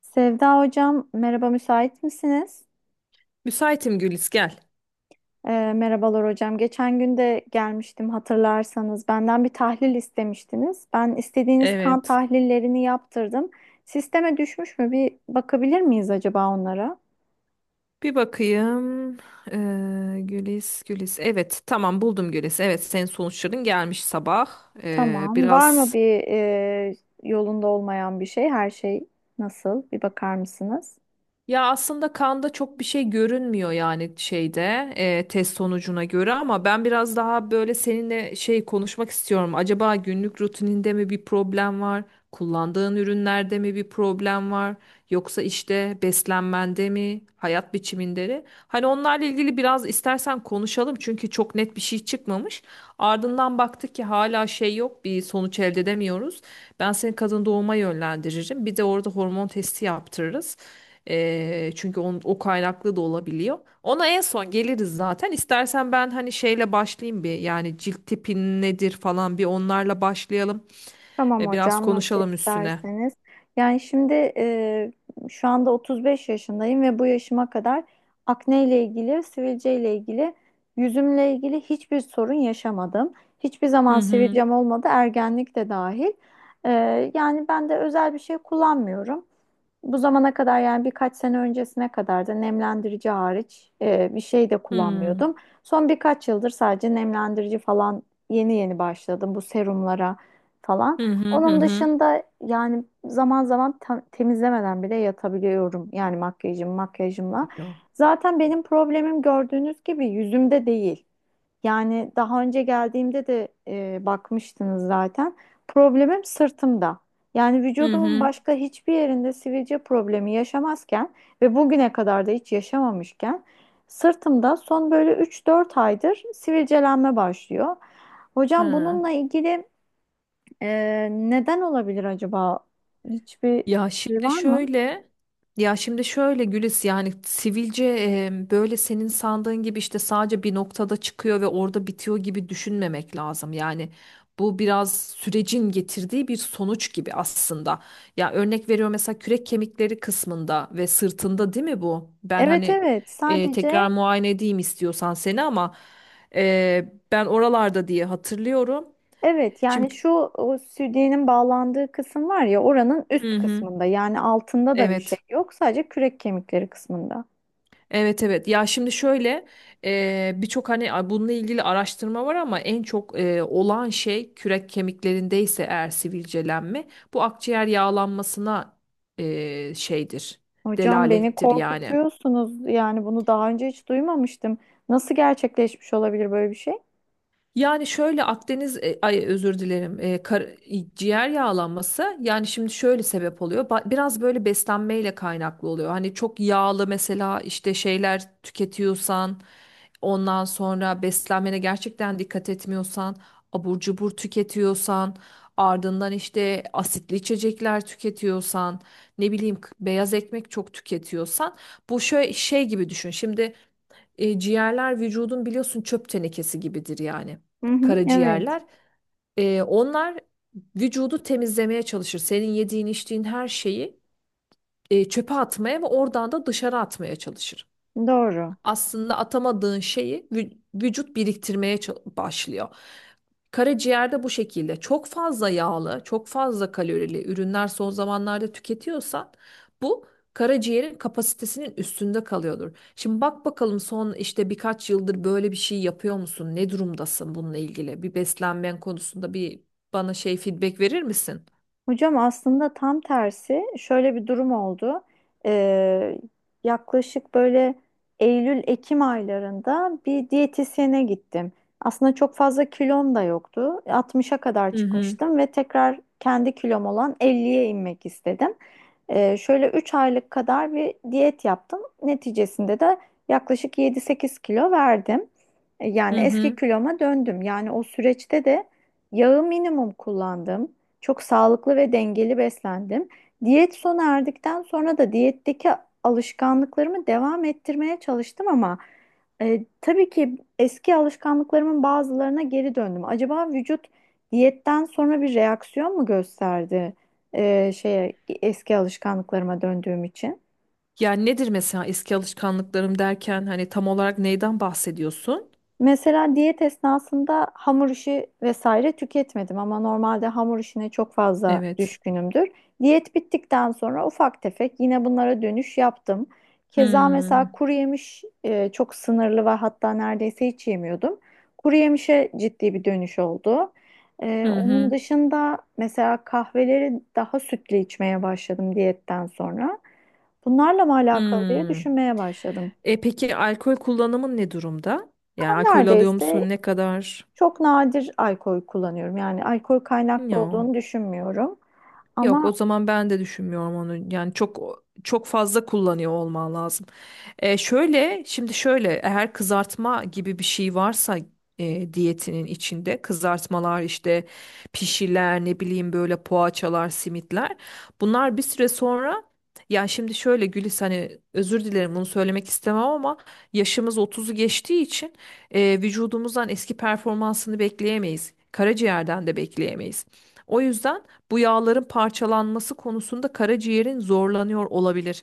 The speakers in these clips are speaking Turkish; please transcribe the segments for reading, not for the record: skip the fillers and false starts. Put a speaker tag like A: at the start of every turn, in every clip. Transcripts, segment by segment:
A: Sevda hocam, merhaba müsait misiniz?
B: Müsaitim Gülis gel.
A: Merhabalar hocam. Geçen gün de gelmiştim hatırlarsanız. Benden bir tahlil istemiştiniz. Ben istediğiniz kan
B: Evet.
A: tahlillerini yaptırdım. Sisteme düşmüş mü? Bir bakabilir miyiz acaba onlara?
B: Bir bakayım. Gülis, Evet, tamam buldum Gülis. Evet, senin sonuçların gelmiş sabah.
A: Tamam. Var mı
B: Biraz
A: bir yolunda olmayan bir şey? Her şey nasıl? Bir bakar mısınız?
B: ya aslında kanda çok bir şey görünmüyor yani şeyde test sonucuna göre ama ben biraz daha böyle seninle şey konuşmak istiyorum. Acaba günlük rutininde mi bir problem var? Kullandığın ürünlerde mi bir problem var? Yoksa işte beslenmende mi, hayat biçiminde mi? Hani onlarla ilgili biraz istersen konuşalım çünkü çok net bir şey çıkmamış. Ardından baktık ki hala şey yok, bir sonuç elde edemiyoruz. Ben seni kadın doğuma yönlendiririm. Bir de orada hormon testi yaptırırız. Çünkü o kaynaklı da olabiliyor. Ona en son geliriz zaten. İstersen ben hani şeyle başlayayım bir yani cilt tipin nedir falan bir onlarla başlayalım.
A: Tamam
B: Biraz
A: hocam, nasıl
B: konuşalım üstüne.
A: isterseniz. Yani şimdi şu anda 35 yaşındayım ve bu yaşıma kadar akne ile ilgili, sivilce ile ilgili, yüzümle ilgili hiçbir sorun yaşamadım. Hiçbir
B: Hı
A: zaman
B: hı.
A: sivilcem olmadı, ergenlik de dahil. E, Yani ben de özel bir şey kullanmıyorum. Bu zamana kadar, yani birkaç sene öncesine kadar da nemlendirici hariç bir şey de
B: Hı.
A: kullanmıyordum. Son birkaç yıldır sadece nemlendirici falan, yeni yeni başladım bu serumlara falan.
B: Hı hı hı
A: Onun
B: hı.
A: dışında yani zaman zaman temizlemeden bile yatabiliyorum, yani makyajımla.
B: Yok.
A: Zaten benim problemim, gördüğünüz gibi, yüzümde değil. Yani daha önce geldiğimde de bakmıştınız zaten. Problemim sırtımda. Yani
B: Hı
A: vücudumun
B: hı.
A: başka hiçbir yerinde sivilce problemi yaşamazken ve bugüne kadar da hiç yaşamamışken, sırtımda son böyle 3-4 aydır sivilcelenme başlıyor. Hocam,
B: Ha.
A: bununla ilgili neden olabilir acaba? Hiçbir
B: Ya
A: şey
B: şimdi
A: var mı?
B: şöyle ya şimdi şöyle Gülis yani sivilce böyle senin sandığın gibi işte sadece bir noktada çıkıyor ve orada bitiyor gibi düşünmemek lazım. Yani bu biraz sürecin getirdiği bir sonuç gibi aslında. Ya örnek veriyorum mesela kürek kemikleri kısmında ve sırtında değil mi bu? Ben
A: Evet,
B: hani
A: evet,
B: tekrar
A: sadece.
B: muayene edeyim istiyorsan seni ama ben oralarda diye hatırlıyorum.
A: Evet,
B: Şimdi
A: yani şu o südyenin bağlandığı kısım var ya, oranın
B: hı
A: üst
B: hı.
A: kısmında. Yani altında da bir şey
B: Evet.
A: yok, sadece kürek kemikleri kısmında.
B: Evet evet. Ya şimdi şöyle birçok hani bununla ilgili araştırma var ama en çok olan şey kürek kemiklerindeyse eğer sivilcelenme bu akciğer yağlanmasına şeydir.
A: Hocam, beni
B: Delalettir yani.
A: korkutuyorsunuz, yani bunu daha önce hiç duymamıştım. Nasıl gerçekleşmiş olabilir böyle bir şey?
B: Yani şöyle Akdeniz ay özür dilerim ciğer yağlanması yani şimdi şöyle sebep oluyor biraz böyle beslenmeyle kaynaklı oluyor hani çok yağlı mesela işte şeyler tüketiyorsan ondan sonra beslenmene gerçekten dikkat etmiyorsan abur cubur tüketiyorsan ardından işte asitli içecekler tüketiyorsan ne bileyim beyaz ekmek çok tüketiyorsan bu şöyle şey gibi düşün şimdi ciğerler vücudun biliyorsun çöp tenekesi gibidir yani.
A: Hı hı, evet,
B: Karaciğerler. Onlar vücudu temizlemeye çalışır. Senin yediğin içtiğin her şeyi çöpe atmaya ve oradan da dışarı atmaya çalışır
A: doğru.
B: aslında atamadığın şeyi vücut biriktirmeye başlıyor. Karaciğerde bu şekilde çok fazla yağlı, çok fazla kalorili ürünler son zamanlarda tüketiyorsan bu karaciğerin kapasitesinin üstünde kalıyordur. Şimdi bak bakalım son işte birkaç yıldır böyle bir şey yapıyor musun? Ne durumdasın bununla ilgili? Bir beslenmen konusunda bir bana şey feedback verir misin?
A: Hocam, aslında tam tersi şöyle bir durum oldu. Ee, Yaklaşık böyle Eylül-Ekim aylarında bir diyetisyene gittim. Aslında çok fazla kilom da yoktu. 60'a kadar
B: Hı hı.
A: çıkmıştım ve tekrar kendi kilom olan 50'ye inmek istedim. Şöyle 3 aylık kadar bir diyet yaptım. Neticesinde de yaklaşık 7-8 kilo verdim. Yani
B: Hı
A: eski
B: hı.
A: kiloma döndüm. Yani o süreçte de yağı minimum kullandım. Çok sağlıklı ve dengeli beslendim. Diyet sona erdikten sonra da diyetteki alışkanlıklarımı devam ettirmeye çalıştım ama tabii ki eski alışkanlıklarımın bazılarına geri döndüm. Acaba vücut diyetten sonra bir reaksiyon mu gösterdi e, şeye eski alışkanlıklarıma döndüğüm için?
B: Yani nedir mesela eski alışkanlıklarım derken hani tam olarak neyden bahsediyorsun?
A: Mesela diyet esnasında hamur işi vesaire tüketmedim ama normalde hamur işine çok fazla
B: Evet.
A: düşkünümdür. Diyet bittikten sonra ufak tefek yine bunlara dönüş yaptım. Keza mesela
B: Hmm.
A: kuru yemiş çok sınırlı ve hatta neredeyse hiç yemiyordum. Kuru yemişe ciddi bir dönüş oldu.
B: Hı
A: Onun
B: hı.
A: dışında mesela kahveleri daha sütlü içmeye başladım diyetten sonra. Bunlarla mı alakalı diye
B: Hmm.
A: düşünmeye başladım.
B: E peki alkol kullanımın ne durumda? Yani alkol alıyor musun?
A: Neredeyse
B: Ne kadar?
A: Çok nadir alkol kullanıyorum. Yani alkol kaynaklı
B: Yo.
A: olduğunu düşünmüyorum.
B: Yok
A: Ama
B: o zaman ben de düşünmüyorum onu. Yani çok fazla kullanıyor olman lazım. Şöyle şimdi şöyle eğer kızartma gibi bir şey varsa diyetinin içinde kızartmalar işte pişiler ne bileyim böyle poğaçalar simitler bunlar bir süre sonra ya şimdi şöyle Gülis hani özür dilerim bunu söylemek istemem ama yaşımız otuzu geçtiği için vücudumuzdan eski performansını bekleyemeyiz. Karaciğerden de bekleyemeyiz. O yüzden bu yağların parçalanması konusunda karaciğerin zorlanıyor olabilir.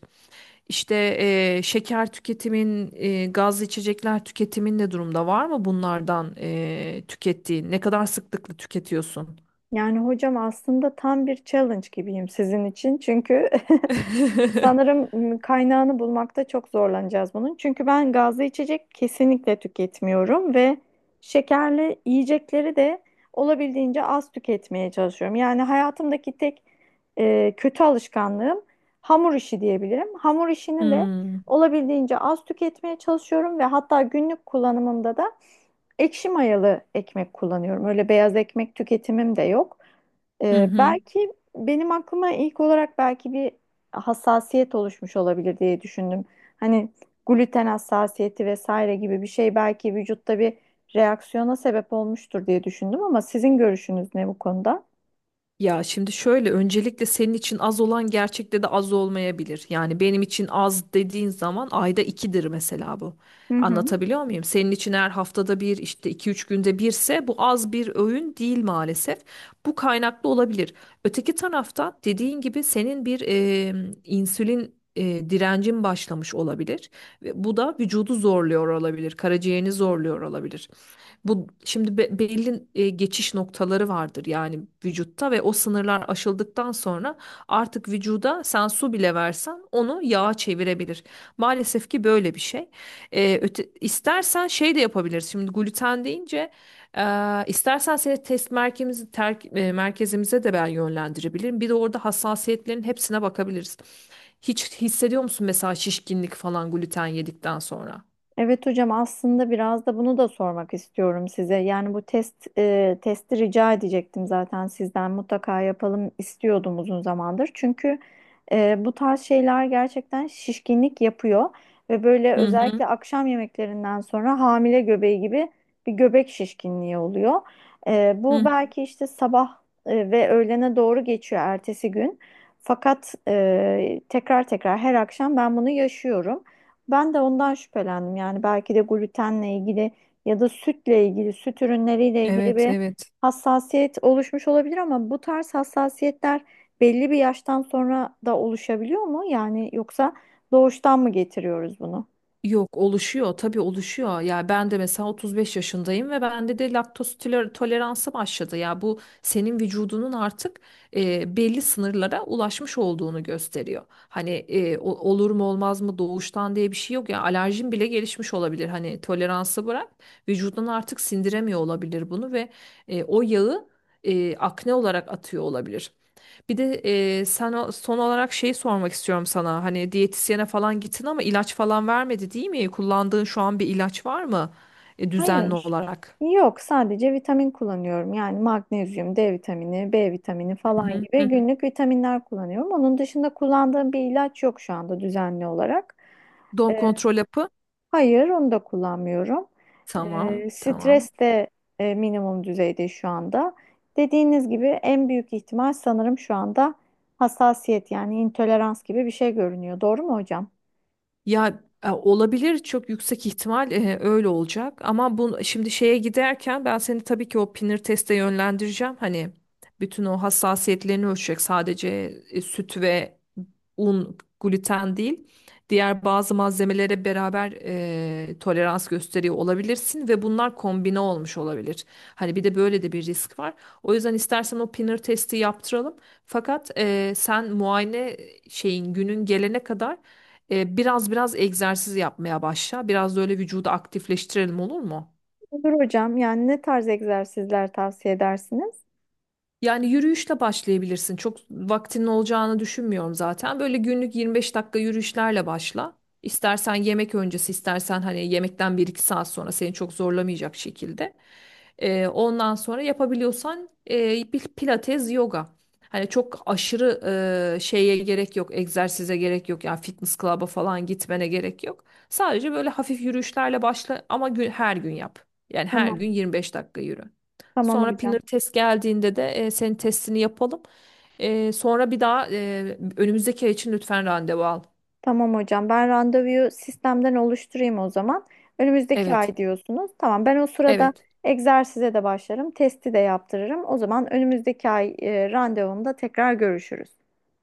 B: İşte şeker tüketimin, gazlı içecekler tüketimin ne durumda? Var mı bunlardan tükettiğin? Ne kadar sıklıkla tüketiyorsun?
A: Yani hocam, aslında tam bir challenge gibiyim sizin için. Çünkü sanırım kaynağını bulmakta çok zorlanacağız bunun. Çünkü ben gazlı içecek kesinlikle tüketmiyorum ve şekerli yiyecekleri de olabildiğince az tüketmeye çalışıyorum. Yani hayatımdaki tek kötü alışkanlığım hamur işi diyebilirim. Hamur işini de
B: Hmm.
A: olabildiğince az tüketmeye çalışıyorum ve hatta günlük kullanımımda da ekşi mayalı ekmek kullanıyorum. Öyle beyaz ekmek tüketimim de yok.
B: Hı hı.
A: Belki benim aklıma ilk olarak belki bir hassasiyet oluşmuş olabilir diye düşündüm. Hani gluten hassasiyeti vesaire gibi bir şey belki vücutta bir reaksiyona sebep olmuştur diye düşündüm ama sizin görüşünüz ne bu konuda?
B: Ya şimdi şöyle öncelikle senin için az olan gerçekte de az olmayabilir. Yani benim için az dediğin zaman ayda ikidir mesela bu.
A: Hı hı.
B: Anlatabiliyor muyum? Senin için eğer haftada bir işte iki üç günde birse bu az bir öğün değil maalesef. Bu kaynaklı olabilir. Öteki tarafta dediğin gibi senin bir insülin direncin başlamış olabilir. Ve bu da vücudu zorluyor olabilir. Karaciğerini zorluyor olabilir. Bu şimdi belli geçiş noktaları vardır yani vücutta ve o sınırlar aşıldıktan sonra artık vücuda sen su bile versen onu yağa çevirebilir. Maalesef ki böyle bir şey. İstersen şey de yapabiliriz. Şimdi gluten deyince istersen seni test merkezimize de ben yönlendirebilirim. Bir de orada hassasiyetlerin hepsine bakabiliriz. Hiç hissediyor musun mesela şişkinlik falan gluten yedikten sonra?
A: Evet hocam, aslında biraz da bunu da sormak istiyorum size. Yani bu testi rica edecektim zaten sizden, mutlaka yapalım istiyordum uzun zamandır. Çünkü bu tarz şeyler gerçekten şişkinlik yapıyor ve böyle
B: Hı hı.
A: özellikle akşam yemeklerinden sonra hamile göbeği gibi bir göbek şişkinliği oluyor.
B: Hı
A: Bu
B: hı.
A: belki işte sabah ve öğlene doğru geçiyor ertesi gün. Fakat tekrar tekrar her akşam ben bunu yaşıyorum. Ben de ondan şüphelendim. Yani belki de glutenle ilgili ya da sütle ilgili, süt ürünleriyle ilgili
B: Evet,
A: bir
B: evet.
A: hassasiyet oluşmuş olabilir ama bu tarz hassasiyetler belli bir yaştan sonra da oluşabiliyor mu? Yani yoksa doğuştan mı getiriyoruz bunu?
B: Yok oluşuyor tabii oluşuyor. Ya ben de mesela 35 yaşındayım ve bende de toleransı başladı. Ya bu senin vücudunun artık belli sınırlara ulaşmış olduğunu gösteriyor. Hani olur mu olmaz mı doğuştan diye bir şey yok ya alerjin bile gelişmiş olabilir. Hani toleransı bırak vücudun artık sindiremiyor olabilir bunu ve o yağı akne olarak atıyor olabilir. Bir de son olarak şeyi sormak istiyorum sana. Hani diyetisyene falan gittin ama ilaç falan vermedi değil mi? Kullandığın şu an bir ilaç var mı? Düzenli
A: Hayır.
B: olarak.
A: Yok, sadece vitamin kullanıyorum. Yani magnezyum, D vitamini, B vitamini
B: Hı
A: falan
B: hı, hı
A: gibi
B: hı.
A: günlük vitaminler kullanıyorum. Onun dışında kullandığım bir ilaç yok şu anda düzenli olarak.
B: Doğum
A: Ee,
B: kontrol yapı.
A: Hayır, onu da kullanmıyorum.
B: Tamam, tamam.
A: Stres de minimum düzeyde şu anda. Dediğiniz gibi en büyük ihtimal sanırım şu anda hassasiyet, yani intolerans gibi bir şey görünüyor. Doğru mu hocam?
B: Ya olabilir çok yüksek ihtimal öyle olacak ama bu şimdi şeye giderken ben seni tabii ki o pinir teste yönlendireceğim. Hani bütün o hassasiyetlerini ölçecek sadece süt ve un gluten değil. Diğer bazı malzemelere beraber tolerans gösteriyor olabilirsin ve bunlar kombine olmuş olabilir. Hani bir de böyle de bir risk var. O yüzden istersen o pinir testi yaptıralım. Fakat sen muayene şeyin günün gelene kadar biraz egzersiz yapmaya başla. Biraz da öyle vücudu aktifleştirelim olur mu?
A: Olur hocam. Yani ne tarz egzersizler tavsiye edersiniz?
B: Yani yürüyüşle başlayabilirsin. Çok vaktinin olacağını düşünmüyorum zaten. Böyle günlük 25 dakika yürüyüşlerle başla. İstersen yemek öncesi, istersen hani yemekten bir iki saat sonra seni çok zorlamayacak şekilde. Ondan sonra yapabiliyorsan bir pilates, yoga. Hani çok aşırı e, şeye gerek yok, egzersize gerek yok. Yani fitness club'a falan gitmene gerek yok. Sadece böyle hafif yürüyüşlerle başla ama her gün yap. Yani her
A: Tamam.
B: gün 25 dakika yürü.
A: Tamam
B: Sonra pinner
A: hocam.
B: test geldiğinde de senin testini yapalım. Sonra bir daha önümüzdeki ay için lütfen randevu al.
A: Tamam hocam. Ben randevuyu sistemden oluşturayım o zaman. Önümüzdeki
B: Evet,
A: ay diyorsunuz. Tamam. Ben o sırada
B: evet.
A: egzersize de başlarım. Testi de yaptırırım. O zaman önümüzdeki ay randevumda tekrar görüşürüz.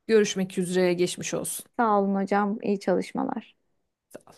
B: Görüşmek üzere, geçmiş olsun.
A: Sağ olun hocam. İyi çalışmalar.
B: Sağ ol.